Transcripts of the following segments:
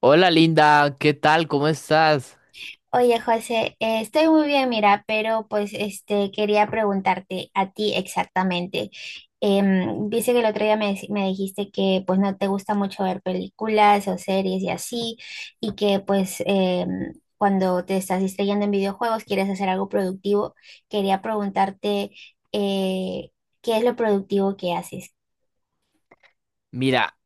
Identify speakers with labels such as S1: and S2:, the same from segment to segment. S1: Hola Linda, ¿qué tal? ¿Cómo estás?
S2: Oye, José, estoy muy bien, mira, pero pues este quería preguntarte a ti exactamente. Dice que el otro día me dijiste que pues no te gusta mucho ver películas o series y así, y que pues cuando te estás distrayendo en videojuegos quieres hacer algo productivo. Quería preguntarte eh, ¿qué es lo productivo que haces?
S1: Mira,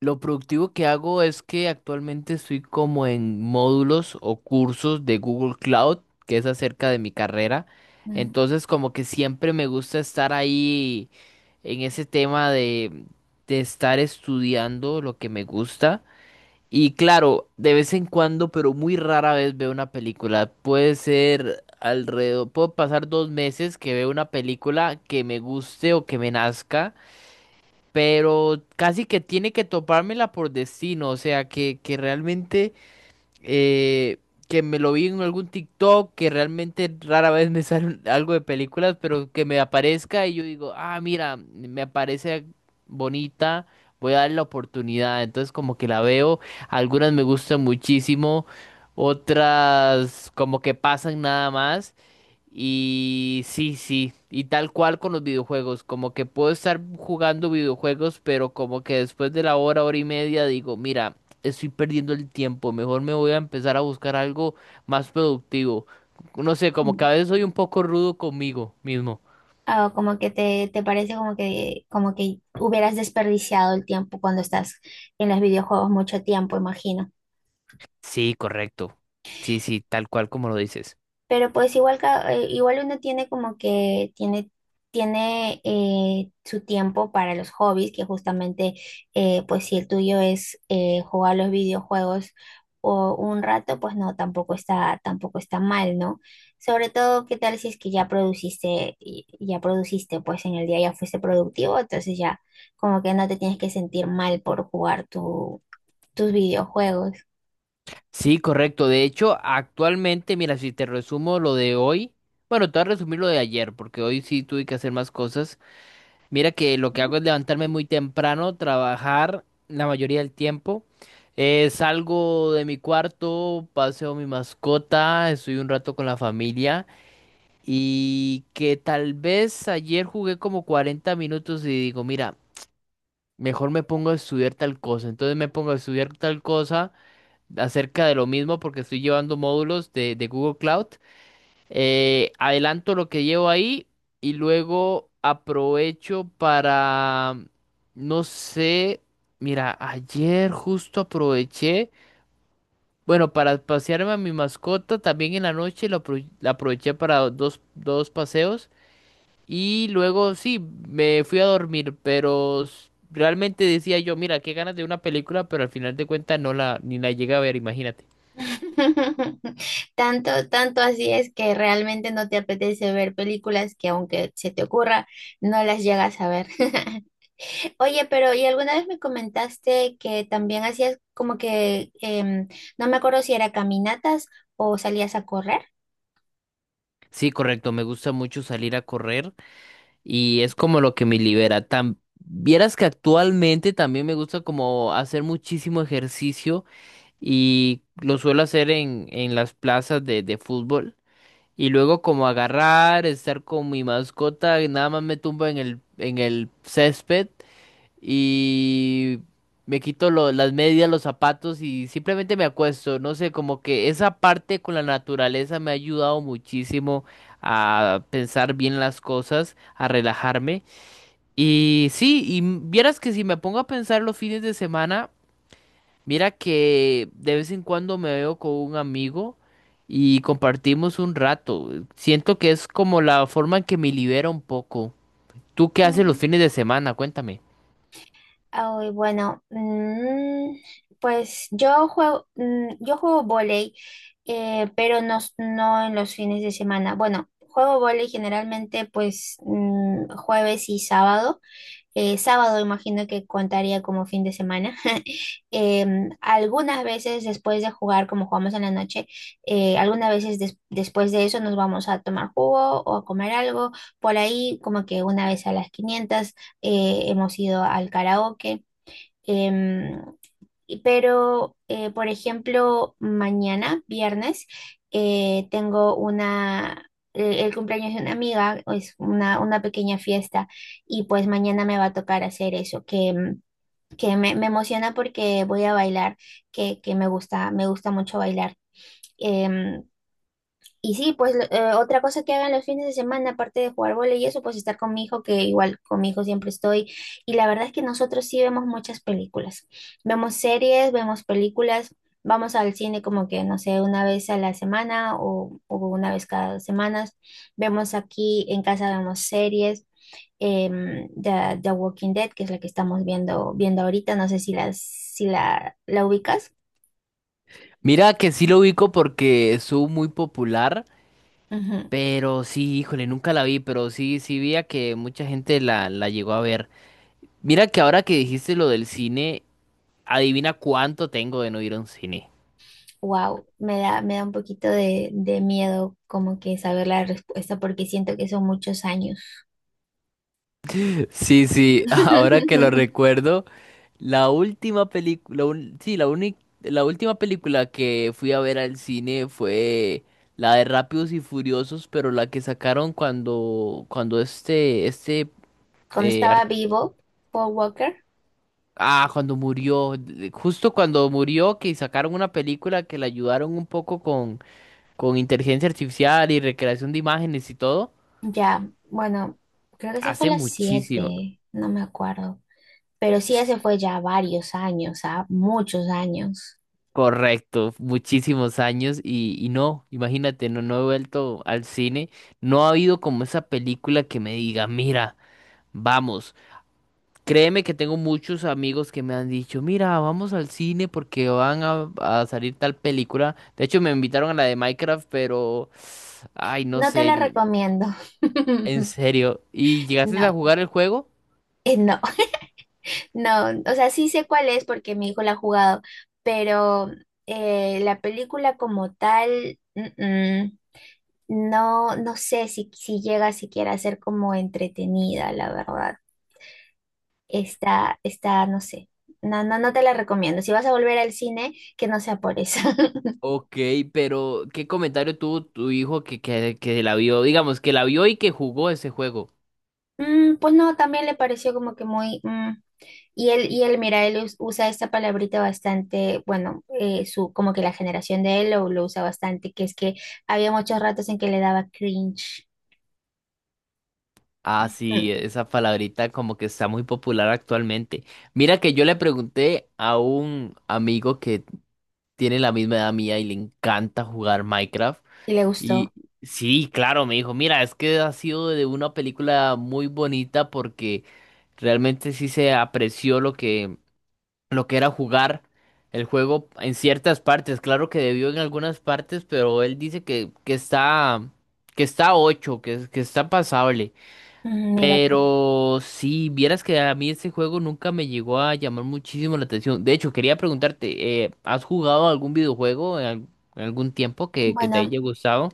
S1: lo productivo que hago es que actualmente estoy como en módulos o cursos de Google Cloud, que es acerca de mi carrera. Entonces, como que siempre me gusta estar ahí en ese tema de estar estudiando lo que me gusta. Y claro, de vez en cuando, pero muy rara vez veo una película. Puede ser alrededor, puedo pasar dos meses que veo una película que me guste o que me nazca. Pero casi que tiene que topármela por destino, o sea, que realmente, eh, que me lo vi en algún TikTok, que realmente rara vez me sale algo de películas, pero que me aparezca y yo digo, ah, mira, me parece bonita, voy a darle la oportunidad, entonces como que la veo, algunas me gustan muchísimo, otras como que pasan nada más. Y sí, sí, y tal cual con los videojuegos, como que puedo estar jugando videojuegos, pero como que después de la hora, hora y media digo, mira, estoy perdiendo el tiempo, mejor me voy a empezar a buscar algo más productivo. No sé, como que
S2: Mm.
S1: a veces soy un poco rudo conmigo mismo.
S2: Ah, o como que te parece como que hubieras desperdiciado el tiempo cuando estás en los videojuegos mucho tiempo, imagino.
S1: Sí, correcto. Sí, sí, tal cual como lo dices.
S2: Pero pues igual, igual uno tiene como que tiene su tiempo para los hobbies, que justamente pues si el tuyo es jugar los videojuegos o un rato, pues no, tampoco está mal, ¿no? Sobre todo, ¿qué tal si es que ya produciste, pues en el día ya fuiste productivo, entonces ya como que no te tienes que sentir mal por jugar tus videojuegos.
S1: Sí, correcto. De hecho, actualmente, mira, si te resumo lo de hoy, bueno, te voy a resumir lo de ayer, porque hoy sí tuve que hacer más cosas. Mira que lo que hago es levantarme muy temprano, trabajar la mayoría del tiempo. Salgo de mi cuarto, paseo mi mascota, estoy un rato con la familia y que tal vez ayer jugué como 40 minutos y digo, mira, mejor me pongo a estudiar tal cosa. Entonces me pongo a estudiar tal cosa acerca de lo mismo porque estoy llevando módulos de Google Cloud adelanto lo que llevo ahí y luego aprovecho para, no sé, mira, ayer justo aproveché, bueno, para pasearme a mi mascota, también en la noche la aproveché para dos paseos y luego sí, me fui a dormir, pero realmente decía yo, mira, qué ganas de una película, pero al final de cuentas no la, ni la llegué a ver, imagínate.
S2: Tanto, tanto así es que realmente no te apetece ver películas que aunque se te ocurra, no las llegas a ver. Oye, pero ¿y alguna vez me comentaste que también hacías como que, em, no me acuerdo si era caminatas o salías a correr?
S1: Sí, correcto, me gusta mucho salir a correr. Y es como lo que me libera. Vieras que actualmente también me gusta como hacer muchísimo ejercicio y lo suelo hacer en las plazas de fútbol. Y luego como agarrar, estar con mi mascota, y nada más me tumbo en el césped y me quito las medias, los zapatos y simplemente me acuesto. No sé, como que esa parte con la naturaleza me ha ayudado muchísimo a pensar bien las cosas, a relajarme. Y sí, vieras que si me pongo a pensar los fines de semana, mira que de vez en cuando me veo con un amigo y compartimos un rato. Siento que es como la forma en que me libera un poco. ¿Tú qué haces los fines de semana? Cuéntame.
S2: Ay, bueno, pues yo juego vóley, pero no, no en los fines de semana. Bueno, juego vóley generalmente pues jueves y sábado. Sábado imagino que contaría como fin de semana. Algunas veces después de jugar, como jugamos en la noche, algunas veces después de eso nos vamos a tomar jugo o a comer algo. Por ahí como que una vez a las 500 hemos ido al karaoke. Em, pero, por ejemplo, mañana, viernes, tengo una, el cumpleaños de una amiga, es una pequeña fiesta y pues mañana me va a tocar hacer eso, que, mm, que me emociona porque voy a bailar, que me gusta mucho bailar. Em, y sí, pues otra cosa que hagan los fines de semana, aparte de jugar vóley y eso, pues estar con mi hijo, que igual con mi hijo siempre estoy. Y la verdad es que nosotros sí vemos muchas películas. Vemos series, vemos películas, vamos al cine como que, no sé, una vez a la semana o una vez cada 2 semanas. Vemos aquí en casa, vemos series. The Walking Dead, que es la que estamos viendo ahorita, no sé si la ubicas.
S1: Mira que sí lo ubico porque estuvo muy popular,
S2: Ujú.
S1: pero sí, híjole, nunca la vi, pero sí, sí vi a que mucha gente la llegó a ver. Mira que ahora que dijiste lo del cine, adivina cuánto tengo de no ir a un cine.
S2: Wow, me da un poquito de miedo como que saber la respuesta porque siento que son muchos años.
S1: Sí, sí, ahora que lo recuerdo, la última película, sí, la única, la última película que fui a ver al cine fue la de Rápidos y Furiosos, pero la que sacaron cuando este,
S2: Cuando
S1: eh,
S2: estaba
S1: ar-
S2: vivo, Paul Walker,
S1: ah, cuando murió, justo cuando murió, que sacaron una película que la ayudaron un poco con inteligencia artificial y recreación de imágenes y todo,
S2: ya, bueno, creo que se fue a
S1: hace
S2: las
S1: muchísimo.
S2: 7, no me acuerdo. Pero sí, ese fue ya varios años, ¿ah? Muchos años.
S1: Correcto, muchísimos años y no, imagínate, no, no he vuelto al cine, no ha habido como esa película que me diga, mira, vamos, créeme que tengo muchos amigos que me han dicho, mira, vamos al cine porque van a salir tal película, de hecho me invitaron a la de Minecraft, pero, ay, no
S2: No te
S1: sé,
S2: la recomiendo.
S1: en serio, ¿y llegaste a
S2: No,
S1: jugar el juego?
S2: no, no, o sea, sí sé cuál es porque mi hijo la ha jugado, pero la película como tal, mm, mm. No, no sé si llega siquiera a ser como entretenida, la verdad. Está, no sé. No, no, no te la recomiendo. Si vas a volver al cine, que no sea por eso.
S1: Ok, pero ¿qué comentario tuvo tu hijo que la vio? Digamos, que la vio y que jugó ese juego.
S2: Pues no, también le pareció como que muy, mm. Y él, mira, él usa esta palabrita bastante, bueno, como que la generación de él lo usa bastante, que es que había muchos ratos en que le daba cringe.
S1: Ah,
S2: Mm,
S1: sí, esa palabrita como que está muy popular actualmente. Mira que yo le pregunté a un amigo que tiene la misma edad mía y le encanta jugar Minecraft.
S2: y le
S1: Y
S2: gustó.
S1: sí, claro, me dijo, mira, es que ha sido de una película muy bonita porque realmente sí se apreció lo que era jugar el juego en ciertas partes. Claro que debió en algunas partes, pero él dice que está, que, está ocho, que está pasable.
S2: Mm, mira tú.
S1: Pero si vieras que a mí ese juego nunca me llegó a llamar muchísimo la atención. De hecho, quería preguntarte, ¿has jugado algún videojuego en algún tiempo que te
S2: Bueno,
S1: haya gustado?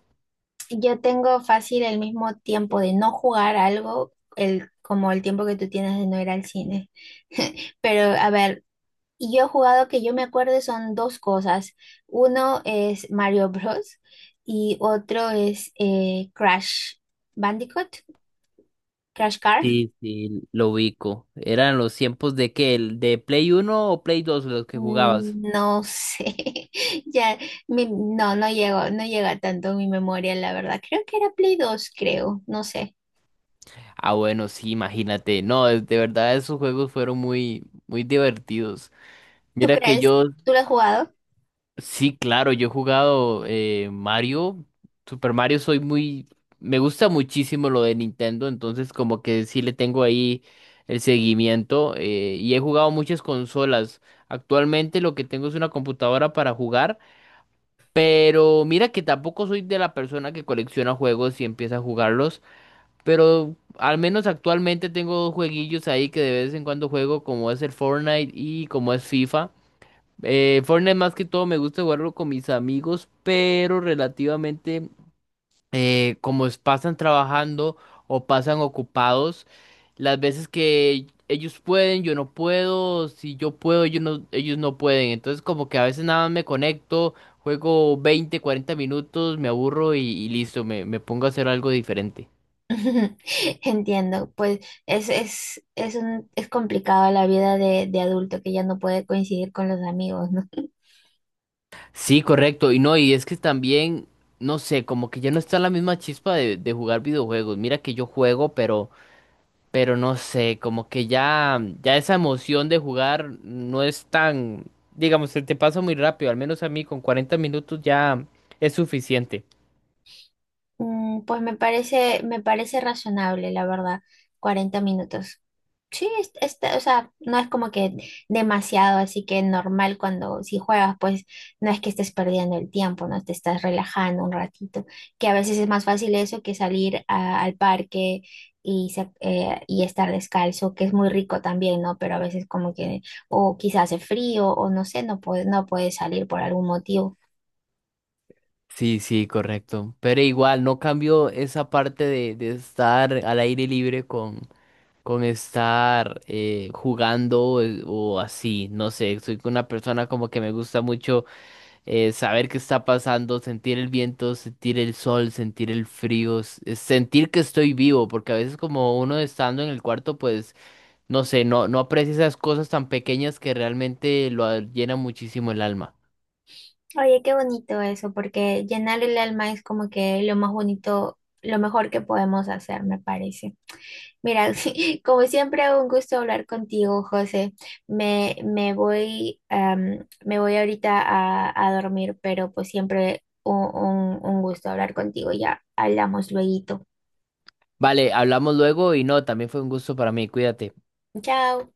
S2: yo tengo fácil el mismo tiempo de no jugar algo, como el tiempo que tú tienes de no ir al cine. Pero a ver, yo he jugado que yo me acuerdo son dos cosas. Uno es Mario Bros. Y otro es Crash Bandicoot, Crash Car.
S1: Sí, sí, lo ubico. ¿Eran los tiempos de qué? ¿El ¿De Play uno o Play 2 los que jugabas?
S2: Mm, no sé, ya, no, no llega tanto mi memoria, la verdad. Creo que era Play 2 creo, no sé.
S1: Ah, bueno, sí, imagínate. No, de verdad esos juegos fueron muy, muy divertidos.
S2: ¿Tú
S1: Mira que
S2: crees?
S1: yo.
S2: ¿Tú lo has jugado?
S1: Sí, claro, yo he jugado Mario, Super Mario, soy muy, me gusta muchísimo lo de Nintendo, entonces como que sí le tengo ahí el seguimiento y he jugado muchas consolas. Actualmente lo que tengo es una computadora para jugar, pero mira que tampoco soy de la persona que colecciona juegos y empieza a jugarlos, pero al menos actualmente tengo dos jueguillos ahí que de vez en cuando juego, como es el Fortnite y como es FIFA. Fortnite más que todo me gusta jugarlo con mis amigos, pero relativamente como pasan trabajando o pasan ocupados, las veces que ellos pueden, yo no puedo, si yo puedo, ellos no pueden. Entonces como que a veces nada más me conecto, juego 20 40 minutos, me aburro y listo, me pongo a hacer algo diferente.
S2: Entiendo, pues es complicado la vida de adulto que ya no puede coincidir con los amigos, ¿no?
S1: Sí, correcto, y no, y es que también, no sé, como que ya no está la misma chispa de jugar videojuegos. Mira que yo juego, pero no sé, como que ya, ya esa emoción de jugar no es tan, digamos, se te pasa muy rápido, al menos a mí con 40 minutos ya es suficiente.
S2: Pues me parece razonable, la verdad, 40 minutos. Sí, está, o sea, no es como que demasiado, así que normal cuando si juegas, pues no es que estés perdiendo el tiempo, no te estás relajando un ratito, que a veces es más fácil eso que salir al parque y estar descalzo, que es muy rico también, ¿no? Pero a veces como que, o quizás hace frío, o no sé, no puedes salir por algún motivo.
S1: Sí, sí, correcto. Pero igual, no cambio esa parte de estar al aire libre con estar jugando o así. No sé, soy una persona como que me gusta mucho saber qué está pasando, sentir el viento, sentir el sol, sentir el frío, sentir que estoy vivo, porque a veces como uno estando en el cuarto, pues no sé, no, no aprecia esas cosas tan pequeñas que realmente lo llena muchísimo el alma.
S2: Oye, qué bonito eso, porque llenar el alma es como que lo más bonito, lo mejor que podemos hacer, me parece. Mira, como siempre, un gusto hablar contigo, José. Me voy ahorita a dormir, pero pues siempre un gusto hablar contigo. Ya hablamos luego.
S1: Vale, hablamos luego y no, también fue un gusto para mí, cuídate.
S2: Chao.